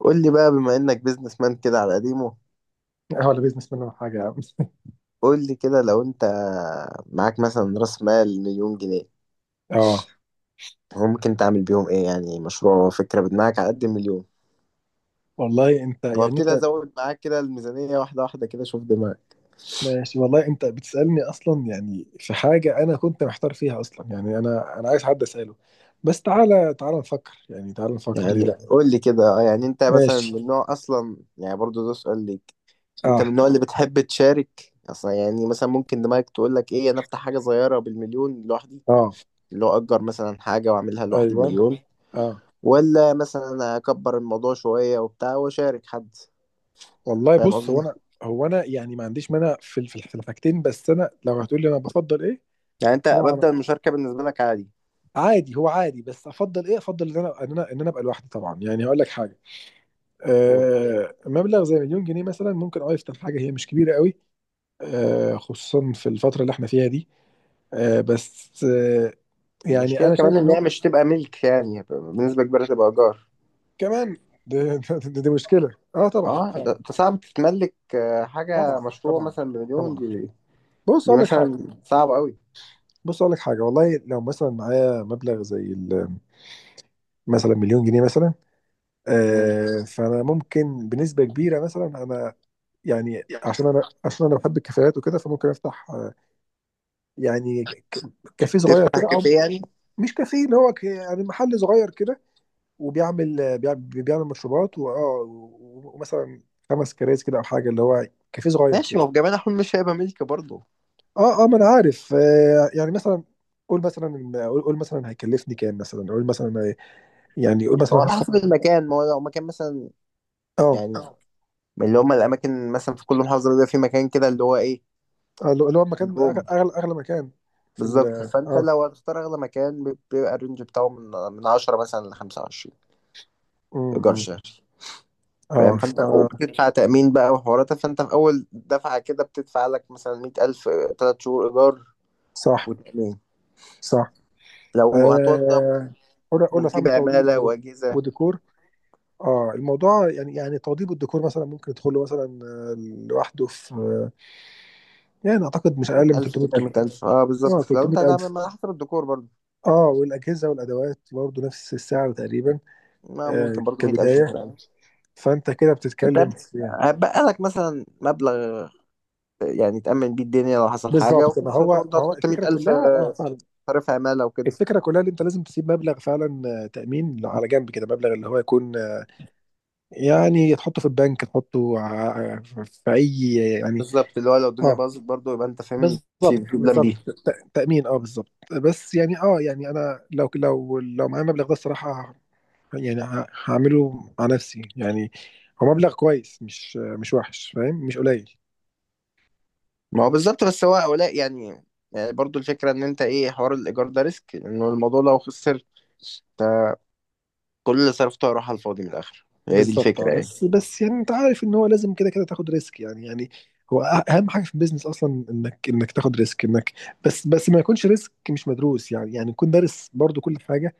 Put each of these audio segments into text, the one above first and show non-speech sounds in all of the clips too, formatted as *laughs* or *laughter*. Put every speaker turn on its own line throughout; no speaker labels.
قول لي بقى بما انك بيزنس مان كده على قديمه.
اه، ولا بيزنس منه حاجة يا عم.
قول لي كده، لو انت معاك مثلا راس مال مليون جنيه،
اه،
هو ممكن تعمل بيهم ايه؟ يعني مشروع وفكرة بدماغك على قد المليون.
والله انت
هو
يعني
ابتدي
انت
ازود معاك كده الميزانية واحدة واحدة كده، شوف دماغك.
ماشي، والله انت بتسألني اصلا، يعني في حاجة انا كنت محتار فيها اصلا، يعني انا عايز حد اسأله، بس تعالى نفكر، يعني تعالى نفكر، ليه
يعني
لا؟
قول لي كده، يعني انت مثلا
ماشي.
من نوع، اصلا يعني برضو ده سؤال ليك. انت
اه.
من النوع اللي بتحب تشارك اصلا، يعني مثلا ممكن دماغك تقول لك ايه، انا افتح حاجة صغيرة بالمليون لوحدي،
اه.
اللي هو اجر مثلا حاجة واعملها لوحدي
ايوه.
بمليون،
اه.
ولا مثلا اكبر الموضوع شويه وبتاع واشارك حد،
والله
فاهم
بص، هو
قصدي؟
انا هو انا يعني ما عنديش مانع في في الحاجتين، بس انا لو هتقول لي انا بفضل ايه؟
يعني انت
طبعا.
مبدأ المشاركه بالنسبه لك عادي.
عادي، هو عادي، بس افضل ايه؟ افضل ان انا ابقى لوحدي، طبعا. يعني هقول لك حاجة،
قول.
مبلغ زي مليون جنيه مثلا ممكن اه يفتح حاجه هي مش كبيره قوي، خصوصا في الفتره اللي احنا فيها دي. بس يعني
المشكله
انا
كمان
شايف
ان
انه
هي مش تبقى ملك، يعني بنسبه كبيره تبقى ايجار.
كمان *laughs* دي, دي مشكله، اه طبعا
اه، ده
فعلا.
انت صعب تتملك حاجه
طبعا.
مشروع
طبعا.
مثلا بمليون
طبعا.
دي.
بص
دي
اقول لك حاجه.
مثلا صعب قوي.
والله لو مثلا معايا مبلغ زي ال- مثلا مليون جنيه مثلا،
مم.
فانا ممكن بنسبه كبيره مثلا انا، يعني عشان انا بحب الكافيهات وكده، فممكن افتح يعني ك- كافيه صغير
تفتح
كده.
كافيه يعني.
مش كافيه، اللي هو يعني محل صغير كده، وبيعمل بيعمل, بيعمل مشروبات و ومثلا خمس كراسي كده، او حاجه اللي هو كافيه صغير
ماشي، ما هو
كده.
في جميع الأحوال مش هيبقى ملك برضه.
اه. اه، ما انا عارف. آه، يعني مثلا قول مثلا، قول مثلا هيكلفني كام مثلا، قول مثلا يعني قول
ما هو
مثلا
على
هدفع.
حسب المكان، ما هو لو مكان مثلا
اه.
يعني من اللي هم الأماكن مثلا في كل محافظة، بيبقى في مكان كده اللي هو
اللي هو المكان،
إيه؟
اغلى مكان في ال...
بالظبط، فانت
اه.
لو هتختار اغلى مكان بيبقى الرينج بتاعه من 10 مثلا ل 25 ايجار
امم.
شهري.
اه
فاهم؟
ف-.
فانت وبتدفع تامين بقى وحوارات، فانت في اول دفعه كده بتدفع لك مثلا 100000، 3 شهور ايجار
صح.
وتامين.
صح.
لو هتوضب
آه. قول،
وتجيب
هتعمل
عماله
توضيب
واجهزه
وديكور. اه. الموضوع يعني توضيب الديكور مثلا ممكن يدخل له مثلا لوحده في يعني اعتقد مش اقل
يعني
من
1000
300,000.
300000. اه بالظبط،
اه،
لو انت هتعمل
300,000.
ما حسب الديكور برضه،
اه، والاجهزه والادوات برضه نفس السعر تقريبا.
ما ممكن برضه 100000،
كبدايه.
200000.
فانت كده
انت
بتتكلم في...
هتبقى لك مثلا مبلغ يعني تامن بيه الدنيا لو حصل حاجه،
بالظبط.
وفي
ما
نفس الوقت
هو
برضه
ما هو
هتحط
الفكره
100000
كلها، اه فعلا.
صرف عماله وكده.
الفكره كلها اللي انت لازم تسيب مبلغ فعلا، تامين على جنب كده، مبلغ اللي هو يكون يعني تحطه في البنك، تحطه في اي... يعني
بالظبط، اللي هو لو الدنيا
اه.
باظت برضه يبقى انت فاهم في
بالظبط.
في بلان
بالظبط
بي.
تأمين. اه بالظبط. بس يعني اه، يعني انا لو معايا المبلغ ده الصراحة يعني هعمله مع نفسي يعني. هو مبلغ كويس، مش مش وحش، فاهم، مش قليل.
ما هو بالظبط، بس هو هؤلاء يعني، يعني برضه الفكره ان انت ايه، حوار الايجار ده ريسك انه الموضوع لو خسر انت كل اللي صرفته هيروح على الفاضي من الاخر. هي دي
بالظبط. اه.
الفكره
بس
يعني.
بس يعني انت عارف ان هو لازم كده كده تاخد ريسك، يعني يعني هو اهم حاجة في البيزنس اصلا انك تاخد ريسك، انك... بس ما يكونش ريسك مش مدروس، يعني يعني تكون دارس برضو كل حاجة،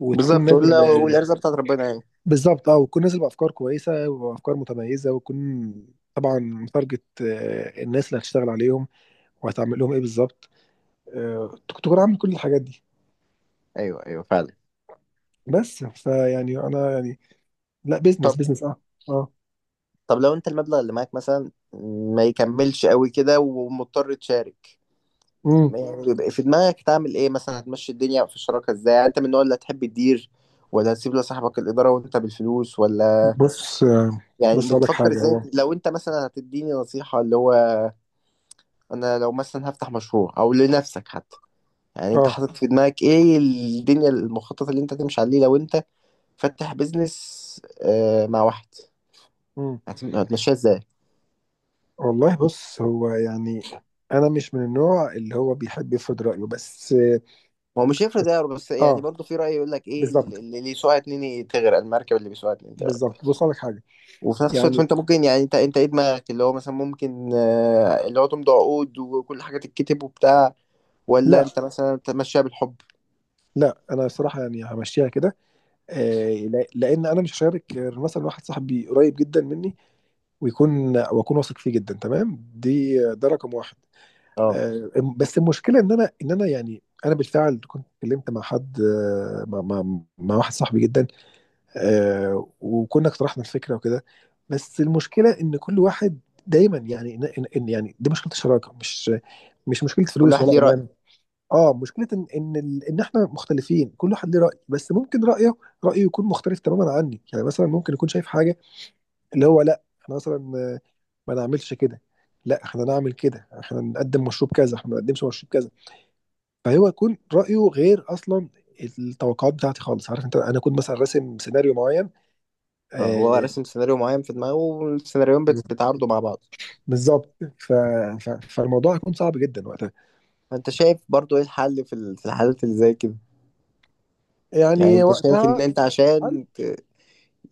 وتكون
بالظبط
نازل.
والارزاق بتاعت ربنا يعني.
بالظبط. اه، وتكون نازل بافكار كويسه، وافكار متميزه، وتكون طبعا متارجت الناس اللي هتشتغل عليهم، وهتعمل لهم ايه بالظبط، تكون عامل كل الحاجات دي.
ايوه ايوه، فعلا.
بس فيعني انا يعني، لا بيزنس
طب.
بيزنس اه. اه.
طب لو انت المبلغ اللي معاك مثلا ما يكملش قوي كده ومضطر تشارك،
امم.
ما يعني بيبقى في دماغك تعمل ايه مثلا؟ هتمشي الدنيا في الشراكه ازاي؟ يعني انت من النوع اللي هتحب تدير، ولا هتسيب لصاحبك الاداره وانت بالفلوس؟ ولا
بص
يعني
بص اقول لك
بتفكر
حاجه.
ازاي؟
هو
لو انت مثلا هتديني نصيحة اللي هو انا لو مثلا هفتح مشروع، او لنفسك حتى، يعني انت
اه.
حاطط في دماغك ايه الدنيا، المخطط اللي انت تمشي عليه لو انت فاتح بيزنس مع واحد،
امم.
هتمشيها ازاي؟
والله بص، هو يعني انا مش من النوع اللي هو بيحب يفرض رايه، بس
هو مش هيفرق
بس
ده، بس يعني
اه.
برضه في رأي يقول لك ايه، اللي
بالظبط.
اللي يسوقها اتنين تغرق، المركب اللي بيسوقها اتنين تغرق.
بالظبط. بص اقول لك حاجه،
وفي نفس الوقت
يعني
انت ممكن يعني انت ايه دماغك، اللي هو مثلا ممكن اللي هو تمضي عقود وكل حاجة تتكتب وبتاع، ولا
لا
انت مثلا تمشيها بالحب؟
لا، انا الصراحه يعني همشيها كده، لان انا مش هشارك غير مثلا واحد صاحبي قريب جدا مني، ويكون، واكون واثق فيه جدا تمام، دي ده رقم واحد.
اه،
آه، بس المشكله ان انا يعني انا بالفعل كنت اتكلمت مع حد، مع واحد صاحبي جدا، وكنا اقترحنا الفكره وكده، بس المشكله ان كل واحد دايما يعني، يعني دي مشكله الشراكه، مش مش مشكله
كل
فلوس
واحد
ولا
ليه رأي.
امان. اه، مشكله ان احنا مختلفين، كل واحد ليه راي، بس ممكن رايه، رايه يكون مختلف تماما عني. يعني مثلا ممكن يكون شايف حاجه اللي هو لا احنا مثلا ما نعملش كده، لا احنا نعمل كده، احنا نقدم مشروب كذا، احنا ما نقدمش مشروب كذا، فهو يكون رايه غير اصلا التوقعات بتاعتي خالص، عارف انت، انا كنت مثلا راسم سيناريو معين.
اه، هو
آه.
راسم سيناريو معين في دماغه، والسيناريوهات بتعارضوا مع بعض.
بالظبط. فالموضوع هيكون صعب جدا وقتها.
فانت شايف برضو ايه الحل في الحالات اللي زي كده؟ يعني
يعني
انت شايف ان
وقتها
انت
الحل.
عشان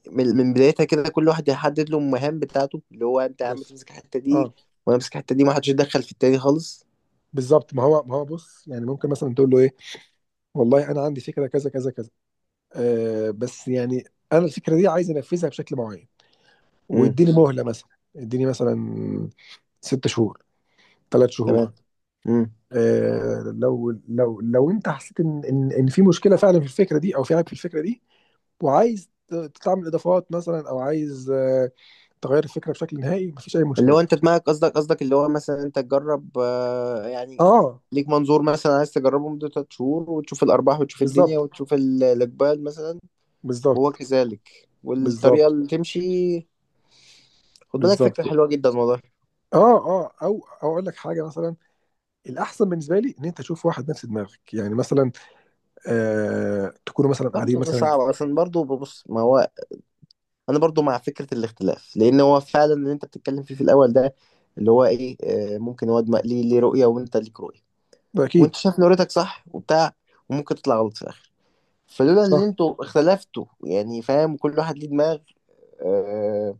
من بدايتها كده كل واحد يحدد له المهام بتاعته، اللي هو انت يا عم
بص.
تمسك الحته دي
اه
وانا امسك الحته دي، ما حدش يتدخل في التاني خالص.
بالظبط، ما هو بص، يعني ممكن مثلا تقول له ايه، والله انا عندي فكره كذا كذا كذا، آه بس يعني انا الفكره دي عايز انفذها بشكل معين،
امم.
واديني مهله مثلا، اديني مثلا ست شهور، ثلاث شهور.
تمام. امم.
آه، لو انت حسيت ان في مشكله فعلا في الفكره دي، او في عيب في الفكره دي، وعايز تعمل اضافات مثلا، او عايز آه تغير الفكره بشكل نهائي، مفيش اي
اللي
مشكله.
هو انت دماغك، قصدك اللي هو مثلا انت تجرب يعني
اه
ليك منظور مثلا، عايز تجربه مدة 3 شهور وتشوف الأرباح وتشوف الدنيا
بالظبط.
وتشوف الإقبال مثلا. وهو
بالظبط.
كذلك، والطريقة
بالظبط.
اللي تمشي. خد بالك،
بالظبط.
فكرة حلوة جدا والله.
اه. اه، او اقول لك حاجه مثلا، الاحسن بالنسبه لي ان انت تشوف واحد نفس دماغك، يعني مثلا آه تكونوا مثلا قاعدين
برضه ده
مثلا.
صعب، عشان برضه ببص ما هو أنا برضه مع فكرة الاختلاف، لأن هو فعلا اللي أنت بتتكلم فيه في الأول ده، اللي هو إيه ممكن واد ليه رؤية، وأنت ليك رؤية، وأنت
اكيد.
شايف إن رؤيتك صح وبتاع، وممكن تطلع غلط في الآخر. فلولا إن
صح.
أنتوا اختلفتوا، يعني فاهم، كل واحد ليه دماغ. آه،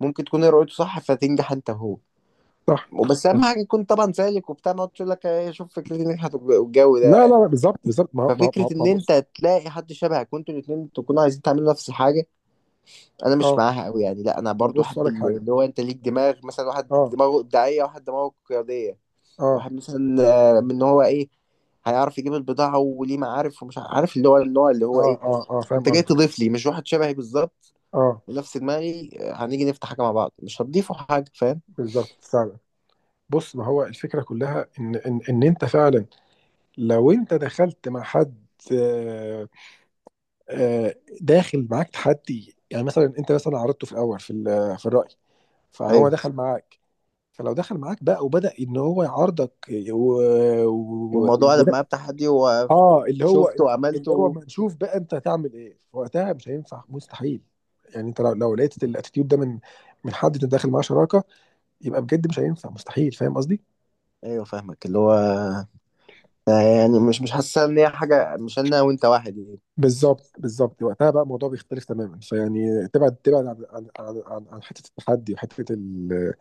ممكن تكون هي رؤيته صح فتنجح أنت وهو.
صح.
وبس أهم حاجة يكون طبعا سالك وبتاع، ما تقول لك شوف، فكرتي نجحت والجو
لا لا
ده.
لا، بالظبط بالظبط. ما ما ما
ففكرة
ما
إن
بص.
أنت تلاقي حد شبهك وأنتوا الاتنين تكونوا عايزين تعملوا نفس الحاجة، أنا مش
اه،
معاها أوي يعني. لأ، أنا
ما
برضو
بص
أحب
لك حاجه.
اللي هو أنت ليك دماغ، مثلا واحد
اه.
دماغه إبداعية، واحد دماغه قيادية،
اه.
واحد مثلا من إن هو إيه هيعرف يجيب البضاعة وليه معارف ومش عارف، اللي هو النوع اللي هو
اه.
إيه.
اه. اه، فاهم
أنت جاي
قصدك.
تضيف لي، مش واحد شبهي بالظبط
اه
ونفس دماغي هنيجي نفتح حاجة مع بعض مش هتضيفوا حاجة. فاهم؟
بالظبط فعلا. بص، ما هو الفكره كلها ان انت فعلا لو انت دخلت مع حد، آه، آه، داخل معاك تحدي، يعني مثلا انت مثلا عرضته في الاول في في الراي، فهو
أيوه.
دخل معاك. فلو دخل معاك بقى وبدأ ان هو يعارضك، و... يا
والموضوع قلب
نهار.
معايا بتحدي
اه، اللي هو
وشفته
اللي هو
وعملته.
ما نشوف بقى انت هتعمل ايه وقتها، مش هينفع مستحيل. يعني انت لو لقيت الاتيتيود ده من حد انت داخل معاه شراكه، يبقى بجد مش هينفع مستحيل، فاهم قصدي؟
أيوه فاهمك، اللي هو يعني مش حاسسها ان هي حاجه، مش انا وانت واحد يعني.
بالظبط، بالظبط وقتها بقى الموضوع بيختلف تماما، فيعني تبعد عن عن حته التحدي، وحته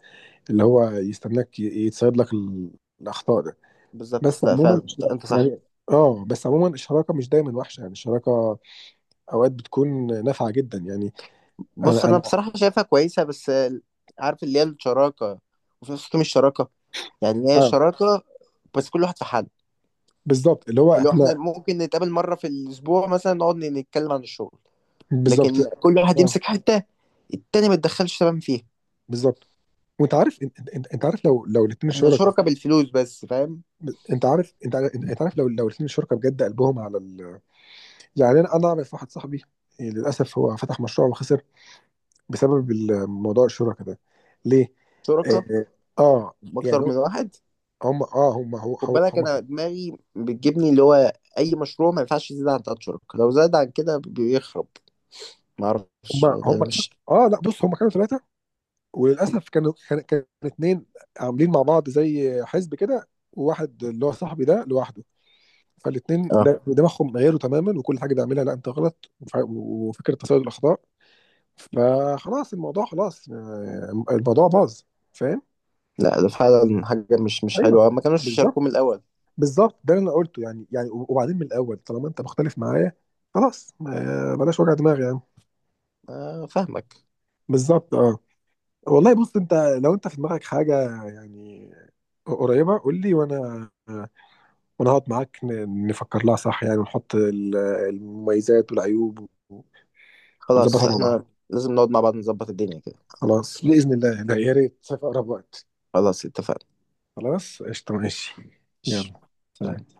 اللي هو يستناك يتصيد لك الاخطاء.
بالظبط، لا فعلا انت أنت صح.
يعني اه، بس عموما الشراكه مش دايما وحشه، يعني الشراكه اوقات بتكون نافعه جدا، يعني.
بص
انا
انا
انا
بصراحه شايفها كويسه، بس عارف اللي هي الشراكه، وفي نفس الوقت مش شراكه. يعني هي
اه.
شراكه، بس كل واحد في حد.
بالظبط، اللي هو
اللي هو احنا
احنا.
ممكن نتقابل مره في الاسبوع مثلا نقعد نتكلم عن الشغل،
بالظبط.
لكن كل واحد
اه
يمسك حته، التاني ما يتدخلش تمام فيها.
بالظبط. وانت عارف انت عارف لو لو الاثنين
احنا
شركاء.
شركاء بالفلوس بس، فاهم؟
انت عارف، انت عارف لو لو الاثنين شركاء بجد قلبهم على ال... يعني انا اعرف واحد صاحبي، يعني للاسف هو فتح مشروع وخسر بسبب الموضوع، الشركاء ده. ليه؟
شركاء
اه, آه،
باكتر
يعني
من واحد.
هم اه، هم
خد بالك،
هم.
انا دماغي بتجيبني اللي هو اي مشروع ما ينفعش يزيد عن 3 شهور، لو زاد عن كده بيخرب. ما
هم
اعرفش يعني،
هم.
انا مش.
اه لا، بص هم كانوا ثلاثه، وللاسف كانوا، كان اتنين عاملين مع بعض زي حزب كده، وواحد اللي هو صاحبي ده لوحده. فالاتنين
اه،
دماغهم غيروا تماما، وكل حاجه بيعملها لا انت غلط، وفكره تصيد الاخطاء. فخلاص الموضوع، خلاص، الموضوع باظ، فاهم.
لا ده فعلا حاجه مش
ايوه.
حلوه، ما كانوش
بالظبط.
يشاركوه من الاول.
بالظبط، ده اللي انا قلته يعني، يعني وبعدين من الاول طالما انت مختلف معايا خلاص، بلاش وجع دماغ يعني.
آه فاهمك.
بالظبط اه. والله بص، انت لو انت في دماغك حاجه يعني قريبه قول لي، وانا ونقعد معاك نفكر لها صح، يعني، ونحط المميزات والعيوب و
خلاص
ونظبطها مع بعض.
احنا لازم نقعد مع بعض نظبط الدنيا كده.
خلاص بإذن الله، لا يا ريت في أقرب وقت.
خلاص اتفقنا.
خلاص قشطة ماشي.
ماشي.
يلا، سلام.